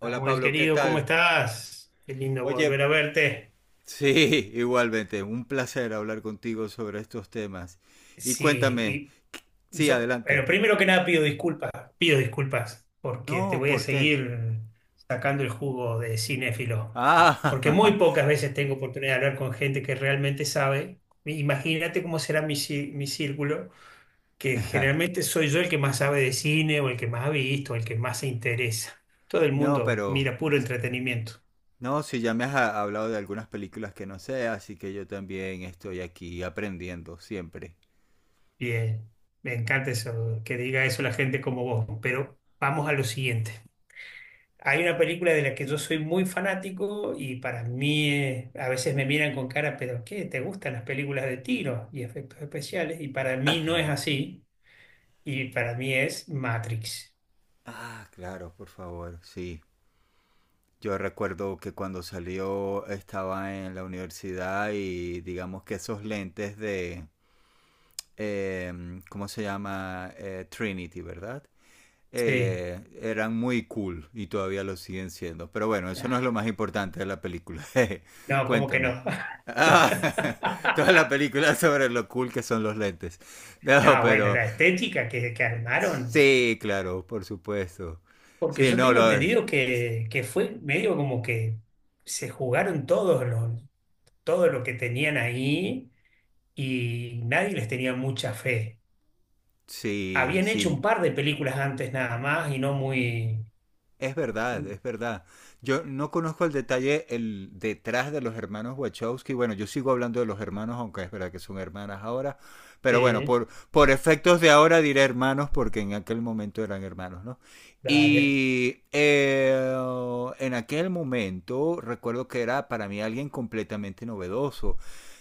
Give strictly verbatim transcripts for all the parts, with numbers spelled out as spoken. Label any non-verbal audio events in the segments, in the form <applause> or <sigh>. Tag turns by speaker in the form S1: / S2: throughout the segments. S1: Hola
S2: Samuel,
S1: Pablo, ¿qué
S2: querido, ¿cómo
S1: tal?
S2: estás? Qué lindo
S1: Oye,
S2: volver a verte.
S1: sí, igualmente, un placer hablar contigo sobre estos temas. Y cuéntame,
S2: Sí, y
S1: sí,
S2: yo, pero
S1: adelante.
S2: primero que nada pido disculpas, pido disculpas, porque te
S1: No,
S2: voy a
S1: ¿por qué?
S2: seguir sacando el jugo de cinéfilo, porque muy
S1: Ah,
S2: pocas veces tengo oportunidad de hablar con gente que realmente sabe. Imagínate cómo será mi, cí- mi círculo, que generalmente soy yo el que más sabe de cine o el que más ha visto, el que más se interesa. Todo el
S1: <laughs> no,
S2: mundo
S1: pero
S2: mira puro entretenimiento.
S1: no, si ya me has ha- hablado de algunas películas que no sé, así que yo también estoy aquí aprendiendo siempre.
S2: Bien, me encanta eso, que diga eso la gente como vos, pero vamos a lo siguiente. Hay una película de la que yo soy muy fanático y para mí eh, a veces me miran con cara, pero ¿qué? ¿Te gustan las películas de tiro y efectos especiales? Y para mí no es así, y para mí es Matrix.
S1: Ah, claro, por favor, sí. Yo recuerdo que cuando salió estaba en la universidad y digamos que esos lentes de eh, ¿cómo se llama? Eh, Trinity, ¿verdad?
S2: Sí.
S1: Eh, eran muy cool y todavía lo siguen siendo. Pero bueno, eso no es lo
S2: Ah.
S1: más importante de la película. <laughs>
S2: No, ¿cómo que
S1: Cuéntame.
S2: no?
S1: Ah, <laughs> toda la
S2: <laughs>
S1: película sobre lo cool que son los lentes. No,
S2: No, bueno,
S1: pero
S2: la estética que, que armaron,
S1: sí, claro, por supuesto.
S2: porque
S1: Sí,
S2: yo
S1: no,
S2: tengo
S1: lo,
S2: entendido que, que fue medio como que se jugaron todos los, todo lo que tenían ahí y nadie les tenía mucha fe.
S1: sí,
S2: Habían hecho
S1: sí.
S2: un par de películas antes nada más y no muy.
S1: Es verdad, es verdad. Yo no conozco el detalle el detrás de los hermanos Wachowski. Bueno, yo sigo hablando de los hermanos, aunque es verdad que son hermanas ahora. Pero bueno,
S2: Sí.
S1: por, por efectos de ahora diré hermanos, porque en aquel momento eran hermanos, ¿no?
S2: Dale.
S1: Y eh, en aquel momento recuerdo que era para mí alguien completamente novedoso.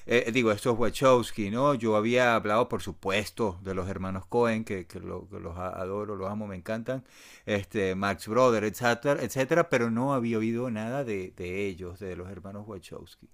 S1: Eh, digo, estos Wachowski, ¿no? Yo había hablado, por supuesto, de los hermanos Cohen, que, que, lo, que los a- adoro, los amo, me encantan este, Max Brother, etcétera, etcétera, pero no había oído nada de, de ellos, de los hermanos Wachowski.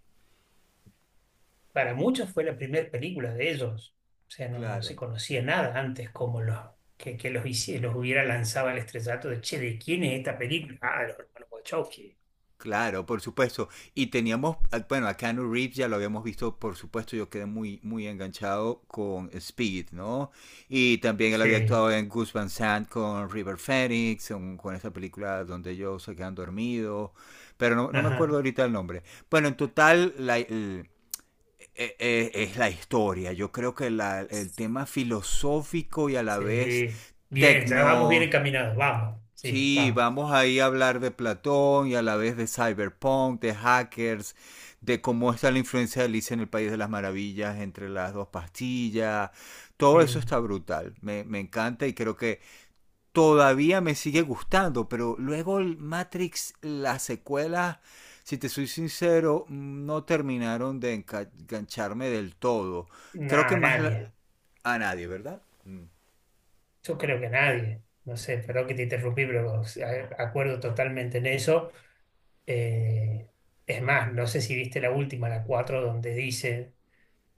S2: Para muchos fue la primera película de ellos. O sea, no, no
S1: Claro.
S2: se conocía nada antes como los, que, que los, hici- los hubiera lanzado al estrellato de, che, ¿de quién es esta película? Ah, de los hermanos Wachowski.
S1: Claro, por supuesto. Y teníamos, ah, bueno, a Keanu Reeves ya lo habíamos visto, por supuesto, yo quedé muy, muy enganchado con Speed, ¿no? Y también él había
S2: Sí,
S1: actuado en Gus Van Sant con River Phoenix, con, con esta película donde ellos se quedan dormidos, pero no, no me acuerdo
S2: ajá,
S1: ahorita el nombre. Bueno, en total, la, la, eh, eh, es la historia. Yo creo que la- el tema filosófico y a la vez
S2: sí. Bien, ya vamos bien
S1: tecno.
S2: encaminados, vamos, sí,
S1: Sí,
S2: vamos.
S1: vamos ahí a hablar de Platón y a la vez de cyberpunk, de hackers, de cómo está la influencia de Alicia en el País de las Maravillas entre las dos pastillas. Todo eso
S2: Mm.
S1: está brutal. Me, me encanta y creo que todavía me sigue gustando, pero luego el Matrix, las secuelas, si te soy sincero, no terminaron de engancharme del todo. Creo que
S2: Nada,
S1: más la-
S2: nadie.
S1: a nadie, ¿verdad? Mm.
S2: Yo creo que nadie, no sé, perdón que te interrumpí, pero o sea, acuerdo totalmente en eso. Eh, es más, no sé si viste la última, la cuatro donde dice,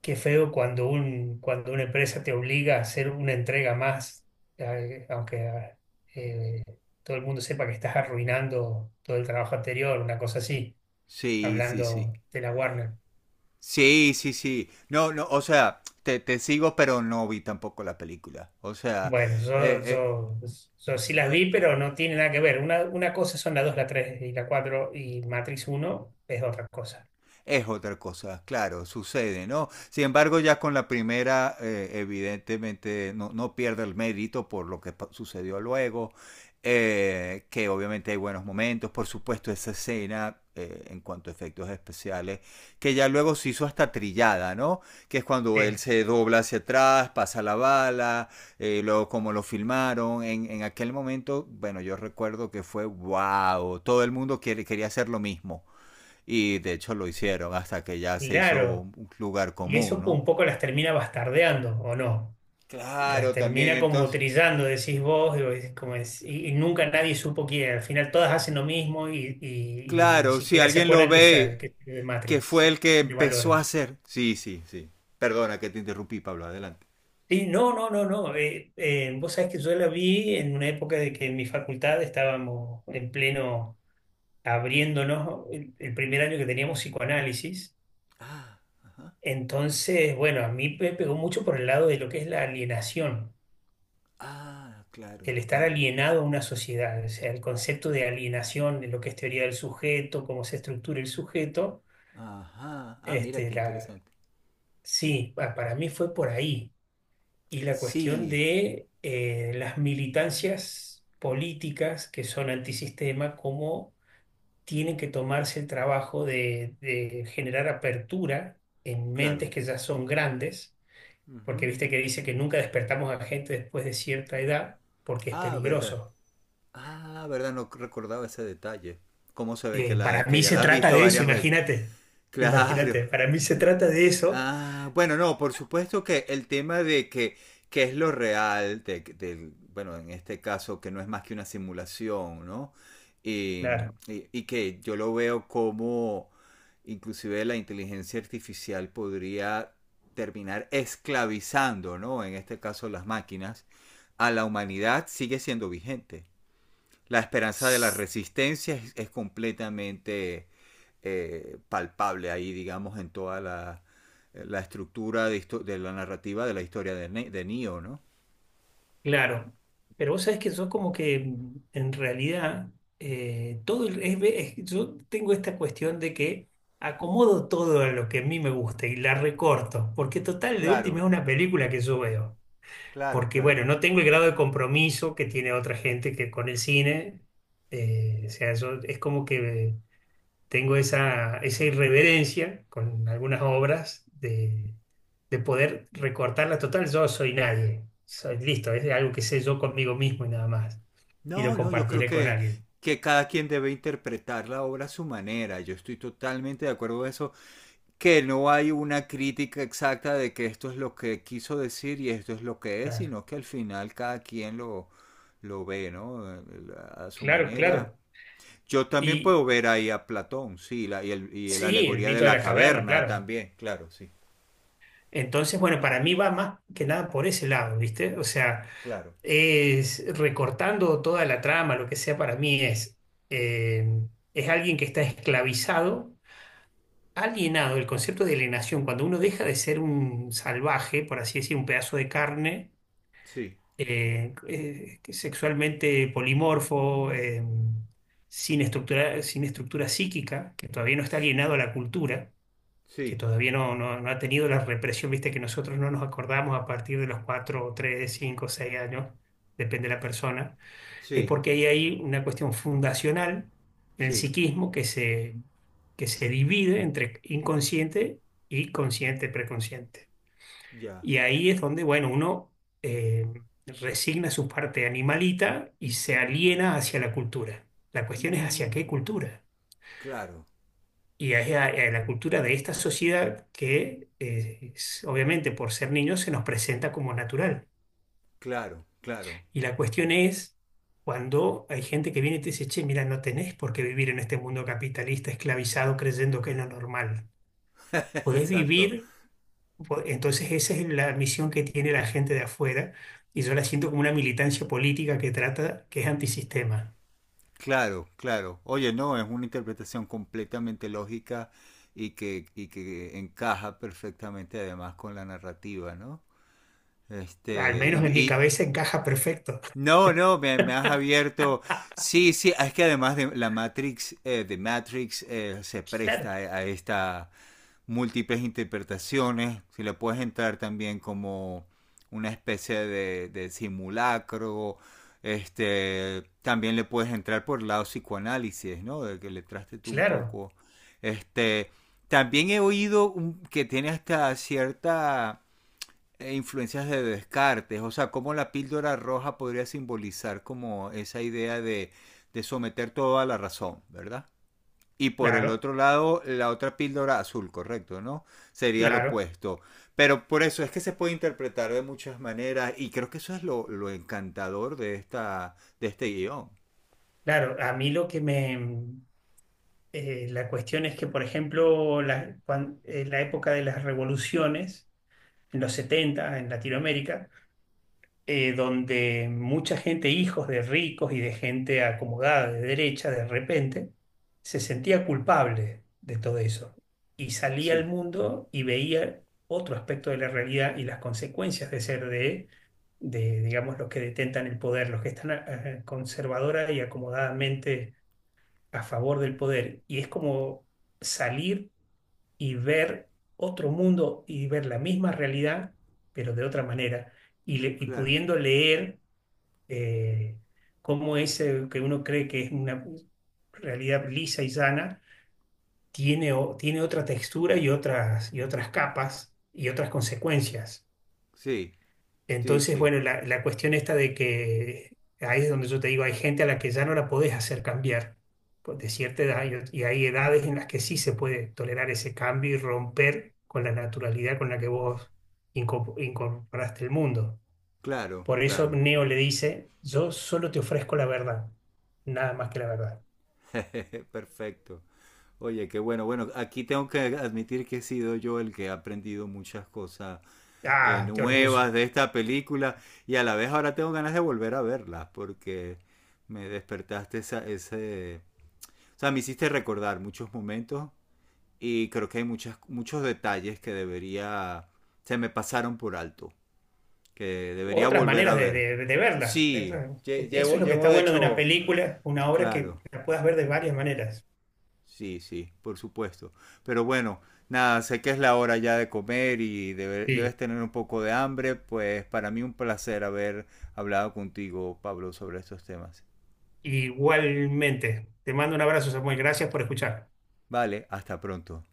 S2: qué feo cuando un, cuando una empresa te obliga a hacer una entrega más, eh, aunque eh, todo el mundo sepa que estás arruinando todo el trabajo anterior, una cosa así,
S1: Sí, sí, sí.
S2: hablando de la Warner.
S1: Sí, sí, sí. No, no, o sea, te, te sigo, pero no vi tampoco la película. O sea,
S2: Bueno,
S1: eh,
S2: yo,
S1: eh,
S2: yo, yo sí las vi, pero no tiene nada que ver. Una, una cosa son la dos, la tres y la cuatro y Matrix uno es otra cosa.
S1: es otra cosa, claro, sucede, ¿no? Sin embargo, ya con la primera, eh, evidentemente, no, no pierde el mérito por lo que sucedió luego, eh, que obviamente hay buenos momentos, por supuesto, esa escena eh, en cuanto a efectos especiales, que ya luego se hizo hasta trillada, ¿no? Que es cuando él
S2: Eh,
S1: se dobla hacia atrás, pasa la bala, eh, luego como lo filmaron, en, en, aquel momento, bueno, yo recuerdo que fue, wow, todo el mundo quiere, quería hacer lo mismo y de hecho lo hicieron hasta que ya se hizo
S2: claro,
S1: un lugar
S2: y
S1: común,
S2: eso
S1: ¿no?
S2: un poco las termina bastardeando, ¿o no? Las
S1: Claro, también
S2: termina como
S1: entonces,
S2: trillando, decís vos, y, vos decís como es- y- y nunca nadie supo quién. Al final todas hacen lo mismo y, y- y ni
S1: claro, si
S2: siquiera se
S1: alguien lo
S2: acuerdan que es,
S1: ve,
S2: que es de
S1: que
S2: Matrix,
S1: fue el
S2: se,
S1: que
S2: se le
S1: empezó a
S2: valora.
S1: hacer. Sí, sí, sí. Perdona que te interrumpí, Pablo, adelante.
S2: Sí, no, no, no, no. eh, eh, vos sabés que yo la vi en una época de que en mi facultad estábamos en pleno abriéndonos el, el primer año que teníamos psicoanálisis. Entonces, bueno, a mí me pegó mucho por el lado de lo que es la alienación,
S1: Ah, claro,
S2: el estar
S1: claro.
S2: alienado a una sociedad, o sea, el concepto de alienación, de lo que es teoría del sujeto, cómo se estructura el sujeto.
S1: Ajá. Ah, mira
S2: Este,
S1: qué
S2: la,
S1: interesante.
S2: sí, pa- para mí fue por ahí. Y la cuestión
S1: Sí,
S2: de eh, las militancias políticas que son antisistema, cómo tienen que tomarse el trabajo de, de generar apertura en
S1: claro.
S2: mentes que ya son grandes, porque
S1: Ujú.
S2: viste que dice que nunca despertamos a gente después de cierta edad porque es
S1: Ah, verdad.
S2: peligroso.
S1: Ah, verdad, no recordaba ese detalle. ¿Cómo se ve que
S2: Eh, para
S1: la, que
S2: mí
S1: ya
S2: se
S1: la has
S2: trata
S1: visto
S2: de eso,
S1: varias veces?
S2: imagínate,
S1: Claro.
S2: imagínate, para mí se trata de eso,
S1: Ah, bueno, no, por supuesto que el tema de que, que es lo real, de, del- bueno, en este caso que no es más que una simulación, ¿no? Y
S2: claro.
S1: y- y que yo lo veo como inclusive la inteligencia artificial podría terminar esclavizando, ¿no? En este caso las máquinas, a la humanidad sigue siendo vigente. La esperanza de la resistencia es, es completamente eh, palpable ahí, digamos, en toda la, eh, la estructura de, de, la narrativa de la historia de, ne de Neo, ¿no?
S2: Claro, pero vos sabés que yo como que mm, en realidad eh, todo el- es ve- es- yo tengo esta cuestión de que acomodo todo a lo que a mí me gusta y la recorto, porque total de
S1: Claro,
S2: última es una película que yo veo,
S1: claro,
S2: porque
S1: claro.
S2: bueno, no tengo el grado de compromiso que tiene otra gente que con el cine, eh, o sea, yo- es como que tengo esa, esa irreverencia con algunas obras de, de poder recortarla total. Yo soy nadie, soy listo, es algo que sé yo conmigo mismo y nada más, y lo
S1: No, no, yo creo
S2: compartiré con
S1: que,
S2: alguien.
S1: que cada quien debe interpretar la obra a su manera. Yo estoy totalmente de acuerdo con eso, que no hay una crítica exacta de que esto es lo que quiso decir y esto es lo que es,
S2: Claro,
S1: sino que al final cada quien lo, lo ve, ¿no? Eh, A su
S2: claro,
S1: manera.
S2: claro,
S1: Yo también
S2: Y
S1: puedo ver ahí a Platón, sí, la, y, el, y la
S2: sí, el
S1: alegoría de
S2: mito de
S1: la
S2: la caverna,
S1: caverna
S2: claro.
S1: también, claro, sí,
S2: Entonces, bueno, para mí va más que nada por ese lado, ¿viste? O sea,
S1: claro,
S2: es recortando toda la trama, lo que sea para mí es, eh, es alguien que está esclavizado alienado el concepto de alienación, cuando uno deja de ser un salvaje, por así decir, un pedazo de carne,
S1: sí,
S2: eh, eh, sexualmente polimorfo, eh, sin estructura, sin estructura psíquica, que todavía no está alienado a la cultura, que
S1: sí,
S2: todavía no, no- no ha tenido la represión, viste, que nosotros no nos acordamos a partir de los cuatro, tres, cinco, seis años, depende de la persona es
S1: sí,
S2: porque ahí hay una cuestión fundacional en el
S1: sí,
S2: psiquismo que se, que se divide entre inconsciente y consciente, preconsciente.
S1: ya.
S2: Y ahí es donde, bueno, uno eh, resigna su parte animalita y se aliena hacia la cultura. La cuestión es hacia qué
S1: Mm,
S2: cultura.
S1: claro,
S2: Y es a, a la cultura de esta sociedad que, eh, es- obviamente, por ser niños, se nos presenta como natural.
S1: claro, claro,
S2: Y la cuestión es cuando hay gente que viene y te dice, che, mira, no tenés por qué vivir en este mundo capitalista esclavizado creyendo que es lo normal.
S1: <laughs>
S2: Podés
S1: exacto,
S2: vivir. Po- entonces esa es la misión que tiene la gente de afuera y yo la siento como una militancia política que trata, que es antisistema.
S1: claro, claro. Oye, no, es una interpretación completamente lógica y que, y que encaja perfectamente además con la narrativa, ¿no?
S2: Al
S1: Este, y,
S2: menos en mi
S1: y
S2: cabeza encaja perfecto.
S1: No, no, me, me has abierto. Sí, sí, es que además de la Matrix, eh, de Matrix eh, se
S2: Claro,
S1: presta a, a estas múltiples interpretaciones. Si le puedes entrar también como una especie de, de simulacro. Este, también le puedes entrar por el lado psicoanálisis, ¿no? De que le traste tú un
S2: claro,
S1: poco. Este, también he oído un- que tiene hasta cierta e influencias de Descartes, o sea, cómo la píldora roja podría simbolizar como esa idea de, de someter todo a la razón, ¿verdad? Y por el
S2: claro,
S1: otro lado, la otra píldora azul, correcto, ¿no? Sería lo
S2: claro,
S1: opuesto. Pero por eso es que se puede interpretar de muchas maneras y creo que eso es lo, lo encantador de esta, de este guión.
S2: claro. A mí lo que me. Eh, la cuestión es que, por ejemplo, la- cuan- en la época de las revoluciones, en los setenta en Latinoamérica, eh, donde mucha gente, hijos de ricos y de gente acomodada de derecha, de repente, se sentía culpable de todo eso y salía al
S1: Sí,
S2: mundo y veía otro aspecto de la realidad y las consecuencias de ser de, de digamos, los que detentan el poder, los que están eh, conservadora y acomodadamente a favor del poder. Y es como salir y ver otro mundo y ver la misma realidad, pero de otra manera, y, le- y
S1: claro.
S2: pudiendo leer eh, cómo ese que uno cree que es una realidad lisa y sana, tiene, o- tiene otra textura y otras, y otras capas y otras consecuencias.
S1: Sí, sí,
S2: Entonces,
S1: sí.
S2: bueno, la, la cuestión esta de que ahí es donde yo te digo, hay gente a la que ya no la podés hacer cambiar pues, de cierta edad y, ot- y hay edades en las que sí se puede tolerar ese cambio y romper con la naturalidad con la que vos incorpo- incorporaste el mundo.
S1: Claro,
S2: Por eso
S1: claro.
S2: Neo le dice, yo solo te ofrezco la verdad, nada más que la verdad.
S1: <laughs> Perfecto. Oye, qué bueno. Bueno, aquí tengo que admitir que he sido yo el que ha aprendido muchas cosas eh,
S2: Ah, qué orgullo.
S1: nuevas de esta película y a la vez ahora tengo ganas de volver a verlas porque me despertaste esa, ese... O sea, me hiciste recordar muchos momentos y creo que hay muchas, muchos detalles que debería... Se me pasaron por alto, que
S2: U
S1: debería
S2: otras
S1: volver a
S2: maneras de,
S1: ver.
S2: de- de verlas. Eso
S1: Sí, lle-
S2: es
S1: llevo,
S2: lo que
S1: llevo
S2: está
S1: de
S2: bueno de una
S1: hecho...
S2: película, una obra
S1: Claro.
S2: que la puedas ver de varias maneras.
S1: Sí, sí, por supuesto. Pero bueno, nada, sé que es la hora ya de comer y debe- debes tener un poco de hambre, pues para mí un placer haber hablado contigo, Pablo, sobre estos temas.
S2: Igualmente, te mando un abrazo, Samuel. Gracias por escuchar.
S1: Vale, hasta pronto.